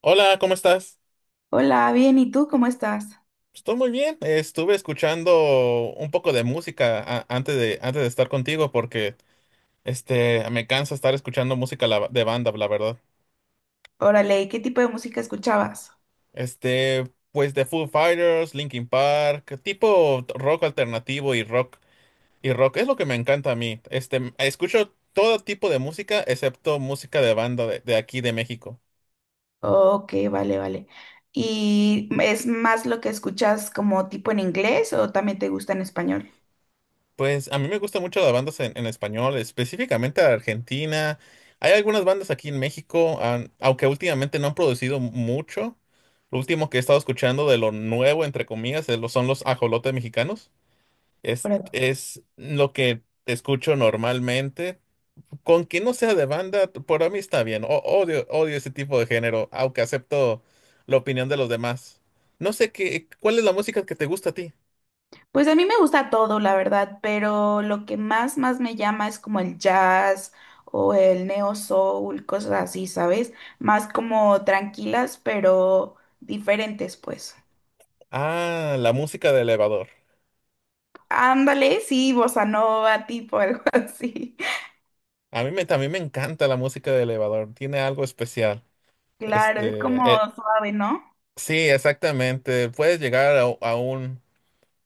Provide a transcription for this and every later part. Hola, ¿cómo estás? Hola, bien, ¿y tú cómo estás? Estoy muy bien. Estuve escuchando un poco de música antes de estar contigo porque me cansa estar escuchando música de banda, la verdad. Órale, ¿y qué tipo de música escuchabas? Pues de Foo Fighters, Linkin Park, tipo rock alternativo y rock es lo que me encanta a mí. Escucho todo tipo de música excepto música de banda de aquí de México. Ok, vale, vale. ¿Y es más lo que escuchas como tipo en inglés o también te gusta en español? Pues a mí me gusta mucho las bandas en español, específicamente la Argentina. Hay algunas bandas aquí en México, aunque últimamente no han producido mucho. Lo último que he estado escuchando de lo nuevo, entre comillas, es son los ajolotes mexicanos. Es, Órale. es lo que escucho normalmente. Con que no sea de banda, por mí está bien. Odio ese tipo de género, aunque acepto la opinión de los demás. No sé qué, ¿cuál es la música que te gusta a ti? Pues a mí me gusta todo, la verdad, pero lo que más, más me llama es como el jazz o el neo soul, cosas así, ¿sabes? Más como tranquilas, pero diferentes, pues. Ah, la música de elevador. Ándale, sí, bossa nova, tipo algo así. A mí me, también me encanta la música de elevador, tiene algo especial. Claro, es como Este, eh, suave, ¿no? sí, exactamente. Puedes llegar a un,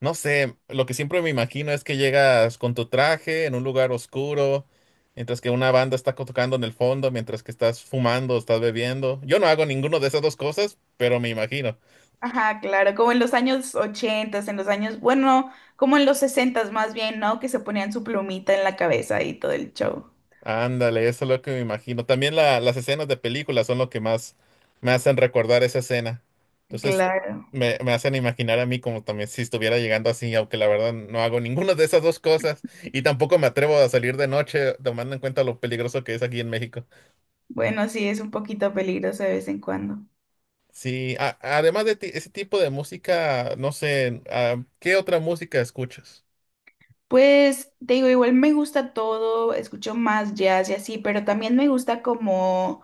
no sé, lo que siempre me imagino es que llegas con tu traje en un lugar oscuro, mientras que una banda está tocando en el fondo, mientras que estás fumando, estás bebiendo. Yo no hago ninguno de esas dos cosas, pero me imagino. Ajá, claro, como en los años 80, en los años, bueno, como en los 60 más bien, ¿no? Que se ponían su plumita en la cabeza y todo el show. Ándale, eso es lo que me imagino. También las escenas de películas son lo que más me hacen recordar esa escena. Entonces, Claro. me hacen imaginar a mí como también si estuviera llegando así, aunque la verdad no hago ninguna de esas dos cosas y tampoco me atrevo a salir de noche, tomando en cuenta lo peligroso que es aquí en México. Bueno, sí, es un poquito peligroso de vez en cuando. Sí, además de ese tipo de música, no sé, ¿qué otra música escuchas? Pues te digo, igual me gusta todo, escucho más jazz y así, pero también me gusta como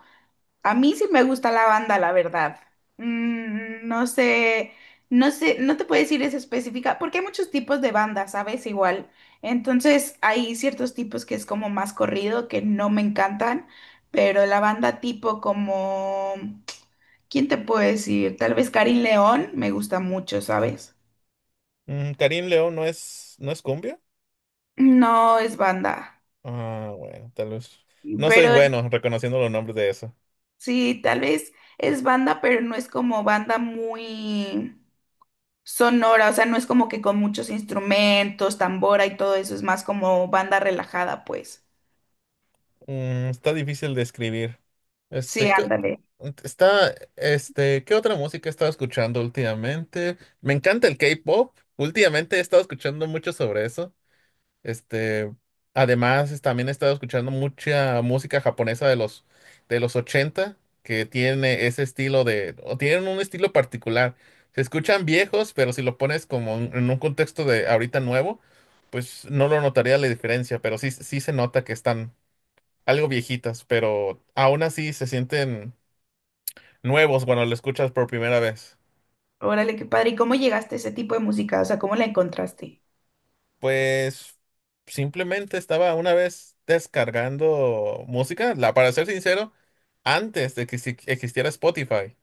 a mí sí me gusta la banda, la verdad. Mm, no sé, no sé, no te puedo decir es específica, porque hay muchos tipos de bandas, ¿sabes? Igual. Entonces, hay ciertos tipos que es como más corrido, que no me encantan, pero la banda tipo como, ¿quién te puedo decir? Tal vez Karin León me gusta mucho, ¿sabes? Mm, ¿Karim León no es cumbia? No es banda, Ah, bueno, tal vez. No soy pero bueno reconociendo los nombres de eso. sí, tal vez es banda, pero no es como banda muy sonora, o sea, no es como que con muchos instrumentos, tambora y todo eso, es más como banda relajada, pues. Mm, está difícil de escribir. Sí, Este, ¿qué, ándale. ¿Qué otra música he estado escuchando últimamente? Me encanta el K-pop. Últimamente he estado escuchando mucho sobre eso. Este, Además, también he estado escuchando mucha música japonesa de los 80, que tiene ese estilo de, o tienen un estilo particular. Se escuchan viejos, pero si lo pones como en un contexto de ahorita nuevo, pues no lo notaría la diferencia, pero sí, sí se nota que están algo viejitas, pero aún así se sienten nuevos cuando lo escuchas por primera vez. Órale, qué padre. ¿Y cómo llegaste a ese tipo de música? O sea, ¿cómo la encontraste? Pues simplemente estaba una vez descargando música, para ser sincero, antes de que existiera Spotify,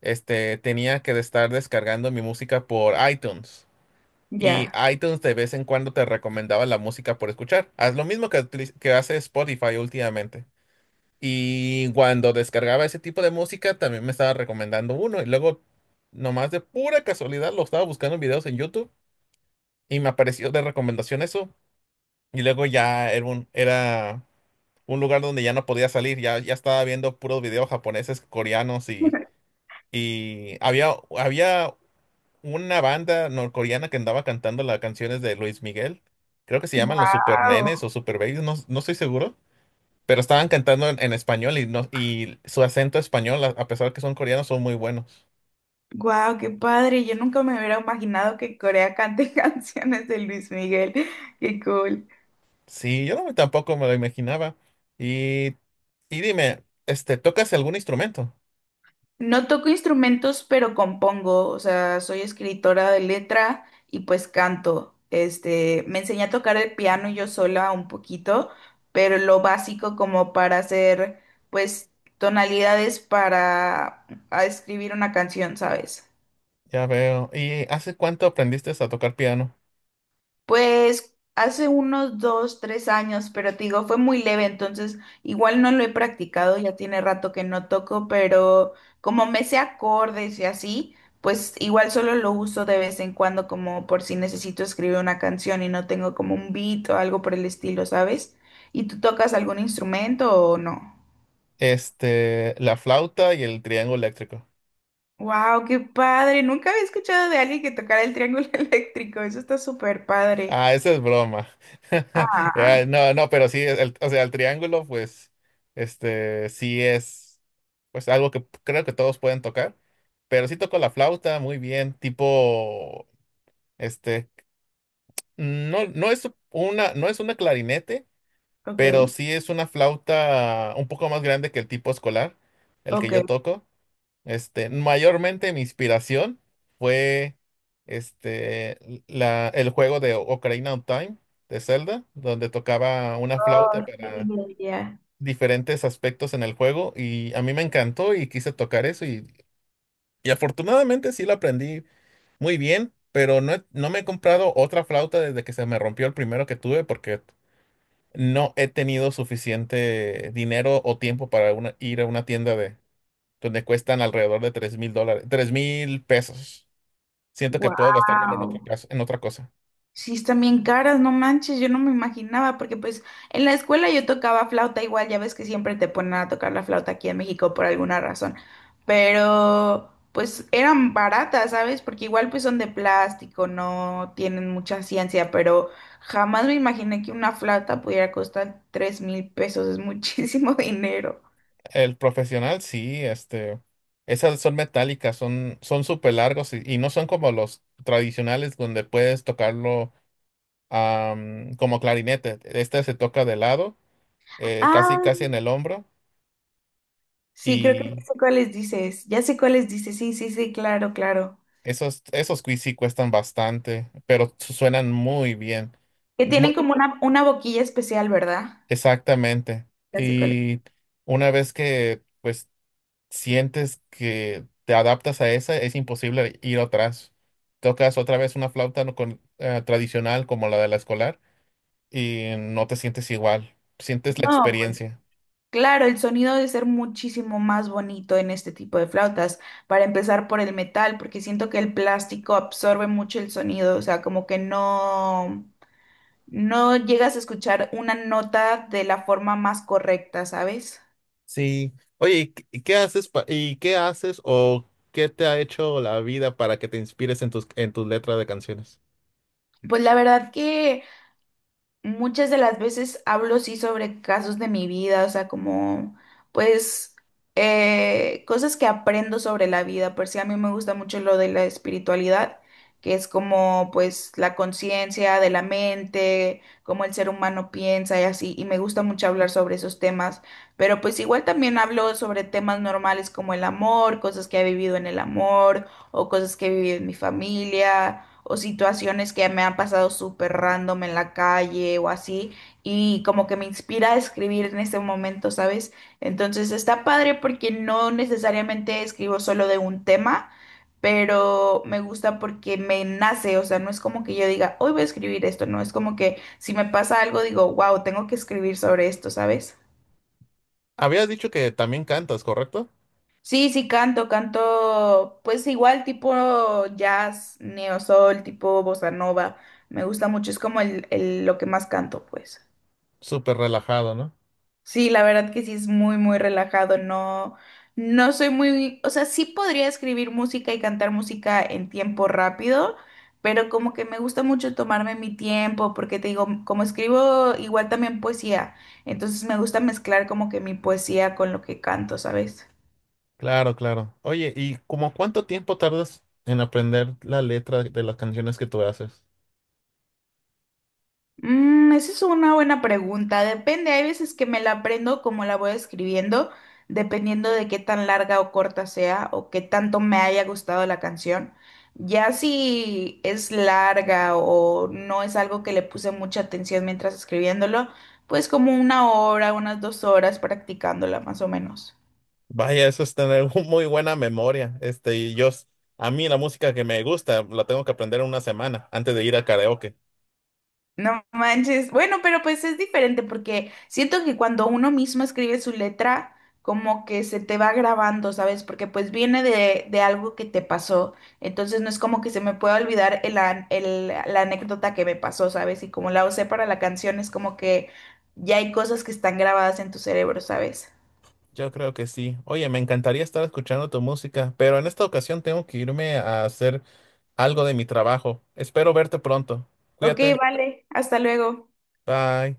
tenía que estar descargando mi música por iTunes. Y Ya. iTunes de vez en cuando te recomendaba la música por escuchar. Haz lo mismo que, que hace Spotify últimamente. Y cuando descargaba ese tipo de música, también me estaba recomendando uno. Y luego, nomás de pura casualidad, lo estaba buscando en videos en YouTube y me apareció de recomendación eso. Y luego ya era un lugar donde ya no podía salir. Ya estaba viendo puros videos japoneses, coreanos y, y había una banda norcoreana que andaba cantando las canciones de Luis Miguel. Creo que se llaman los Super Nenes Wow. o Super Babies, no, no estoy seguro, pero estaban cantando en español y no, y su acento español, a pesar que son coreanos, son muy buenos. Wow, qué padre. Yo nunca me hubiera imaginado que Corea cante canciones de Luis Miguel. Qué cool. Sí, yo no, tampoco me lo imaginaba. Y, y dime, ¿tocas algún instrumento? No toco instrumentos, pero compongo, o sea, soy escritora de letra y pues canto. Me enseñé a tocar el piano yo sola un poquito, pero lo básico como para hacer, pues, tonalidades para a escribir una canción, ¿sabes? Ya veo. ¿Y hace cuánto aprendiste a tocar piano? Pues hace unos dos, tres años, pero te digo, fue muy leve, entonces igual no lo he practicado, ya tiene rato que no toco, pero como me sé acordes y así, pues igual solo lo uso de vez en cuando como por si necesito escribir una canción y no tengo como un beat o algo por el estilo, ¿sabes? ¿Y tú tocas algún instrumento o no? La flauta y el triángulo eléctrico. ¡Wow! ¡Qué padre! Nunca había escuchado de alguien que tocara el triángulo eléctrico, eso está súper padre. Ah, esa es broma. Ah, Ya, no, no, pero sí, o sea, el triángulo, pues, sí es, pues, algo que creo que todos pueden tocar, pero sí toco la flauta muy bien, tipo, este, no, no es una clarinete, ok, pero sí es una flauta un poco más grande que el tipo escolar, el que ok. yo toco. Mayormente mi inspiración fue este, el juego de Ocarina of Time de Zelda, donde tocaba una flauta Oh, para sí, ya. diferentes aspectos en el juego y a mí me encantó y quise tocar eso y afortunadamente sí lo aprendí muy bien, pero no, no me he comprado otra flauta desde que se me rompió el primero que tuve porque no he tenido suficiente dinero o tiempo para ir a una tienda de donde cuestan alrededor de 3,000 dólares, 3,000 pesos. Siento que puedo gastármelo en otra Wow. cosa, en otra cosa. Sí, están bien caras, no manches, yo no me imaginaba, porque pues en la escuela yo tocaba flauta igual, ya ves que siempre te ponen a tocar la flauta aquí en México por alguna razón, pero pues eran baratas, ¿sabes? Porque igual pues son de plástico, no tienen mucha ciencia, pero jamás me imaginé que una flauta pudiera costar 3,000 pesos, es muchísimo dinero. El profesional, sí, esas son metálicas, son súper largos y no son como los tradicionales donde puedes tocarlo como clarinete. Este se toca de lado, casi, casi Ah, en el hombro sí, creo que y ya sé cuáles dices, ya sé cuáles dices, sí, sí, sí, claro, claro. esos sí cuestan bastante, pero suenan muy bien. Que tienen Mu- como una boquilla especial, ¿verdad? Exactamente. Ya sé cuál es. Y una vez que, pues, sientes que te adaptas a esa, es imposible ir atrás. Tocas otra vez una flauta no tradicional como la de la escolar y no te sientes igual. Sientes la No, pues experiencia. claro, el sonido debe ser muchísimo más bonito en este tipo de flautas, para empezar por el metal, porque siento que el plástico absorbe mucho el sonido, o sea, como que no, no llegas a escuchar una nota de la forma más correcta, ¿sabes? Sí. Oye, y qué haces pa- y qué haces o qué te ha hecho la vida para que te inspires en tus letras de canciones? Pues la verdad que muchas de las veces hablo sí sobre casos de mi vida, o sea, como pues cosas que aprendo sobre la vida. Por si a mí me gusta mucho lo de la espiritualidad, que es como pues la conciencia de la mente, cómo el ser humano piensa y así, y me gusta mucho hablar sobre esos temas. Pero pues igual también hablo sobre temas normales como el amor, cosas que he vivido en el amor o cosas que he vivido en mi familia o situaciones que me han pasado súper random en la calle o así, y como que me inspira a escribir en ese momento, ¿sabes? Entonces está padre porque no necesariamente escribo solo de un tema, pero me gusta porque me nace, o sea, no es como que yo diga, hoy voy a escribir esto, no, es como que si me pasa algo digo, wow, tengo que escribir sobre esto, ¿sabes? Habías dicho que también cantas, ¿correcto? Sí, sí, canto, canto, pues igual tipo jazz, neosoul, tipo bossa nova, me gusta mucho, es como lo que más canto, pues. Súper relajado, ¿no? Sí, la verdad que sí es muy, muy relajado, no, no soy muy, o sea, sí podría escribir música y cantar música en tiempo rápido, pero como que me gusta mucho tomarme mi tiempo, porque te digo, como escribo igual también poesía, entonces me gusta mezclar como que mi poesía con lo que canto, ¿sabes? Claro, claro. Oye, ¿y como cuánto tiempo tardas en aprender la letra de las canciones que tú haces? Mm, esa es una buena pregunta. Depende, hay veces que me la aprendo como la voy escribiendo, dependiendo de qué tan larga o corta sea o qué tanto me haya gustado la canción. Ya si es larga o no es algo que le puse mucha atención mientras escribiéndolo, pues como una hora, unas 2 horas practicándola más o menos. Vaya, eso es tener muy buena memoria. A mí la música que me gusta la tengo que aprender en una semana antes de ir a karaoke. No manches. Bueno, pero pues es diferente porque siento que cuando uno mismo escribe su letra, como que se te va grabando, ¿sabes? Porque pues viene de algo que te pasó. Entonces no es como que se me pueda olvidar la anécdota que me pasó, ¿sabes? Y como la usé para la canción, es como que ya hay cosas que están grabadas en tu cerebro, ¿sabes? Yo creo que sí. Oye, me encantaría estar escuchando tu música, pero en esta ocasión tengo que irme a hacer algo de mi trabajo. Espero verte pronto. Ok, Cuídate. vale. Hasta luego. Bye.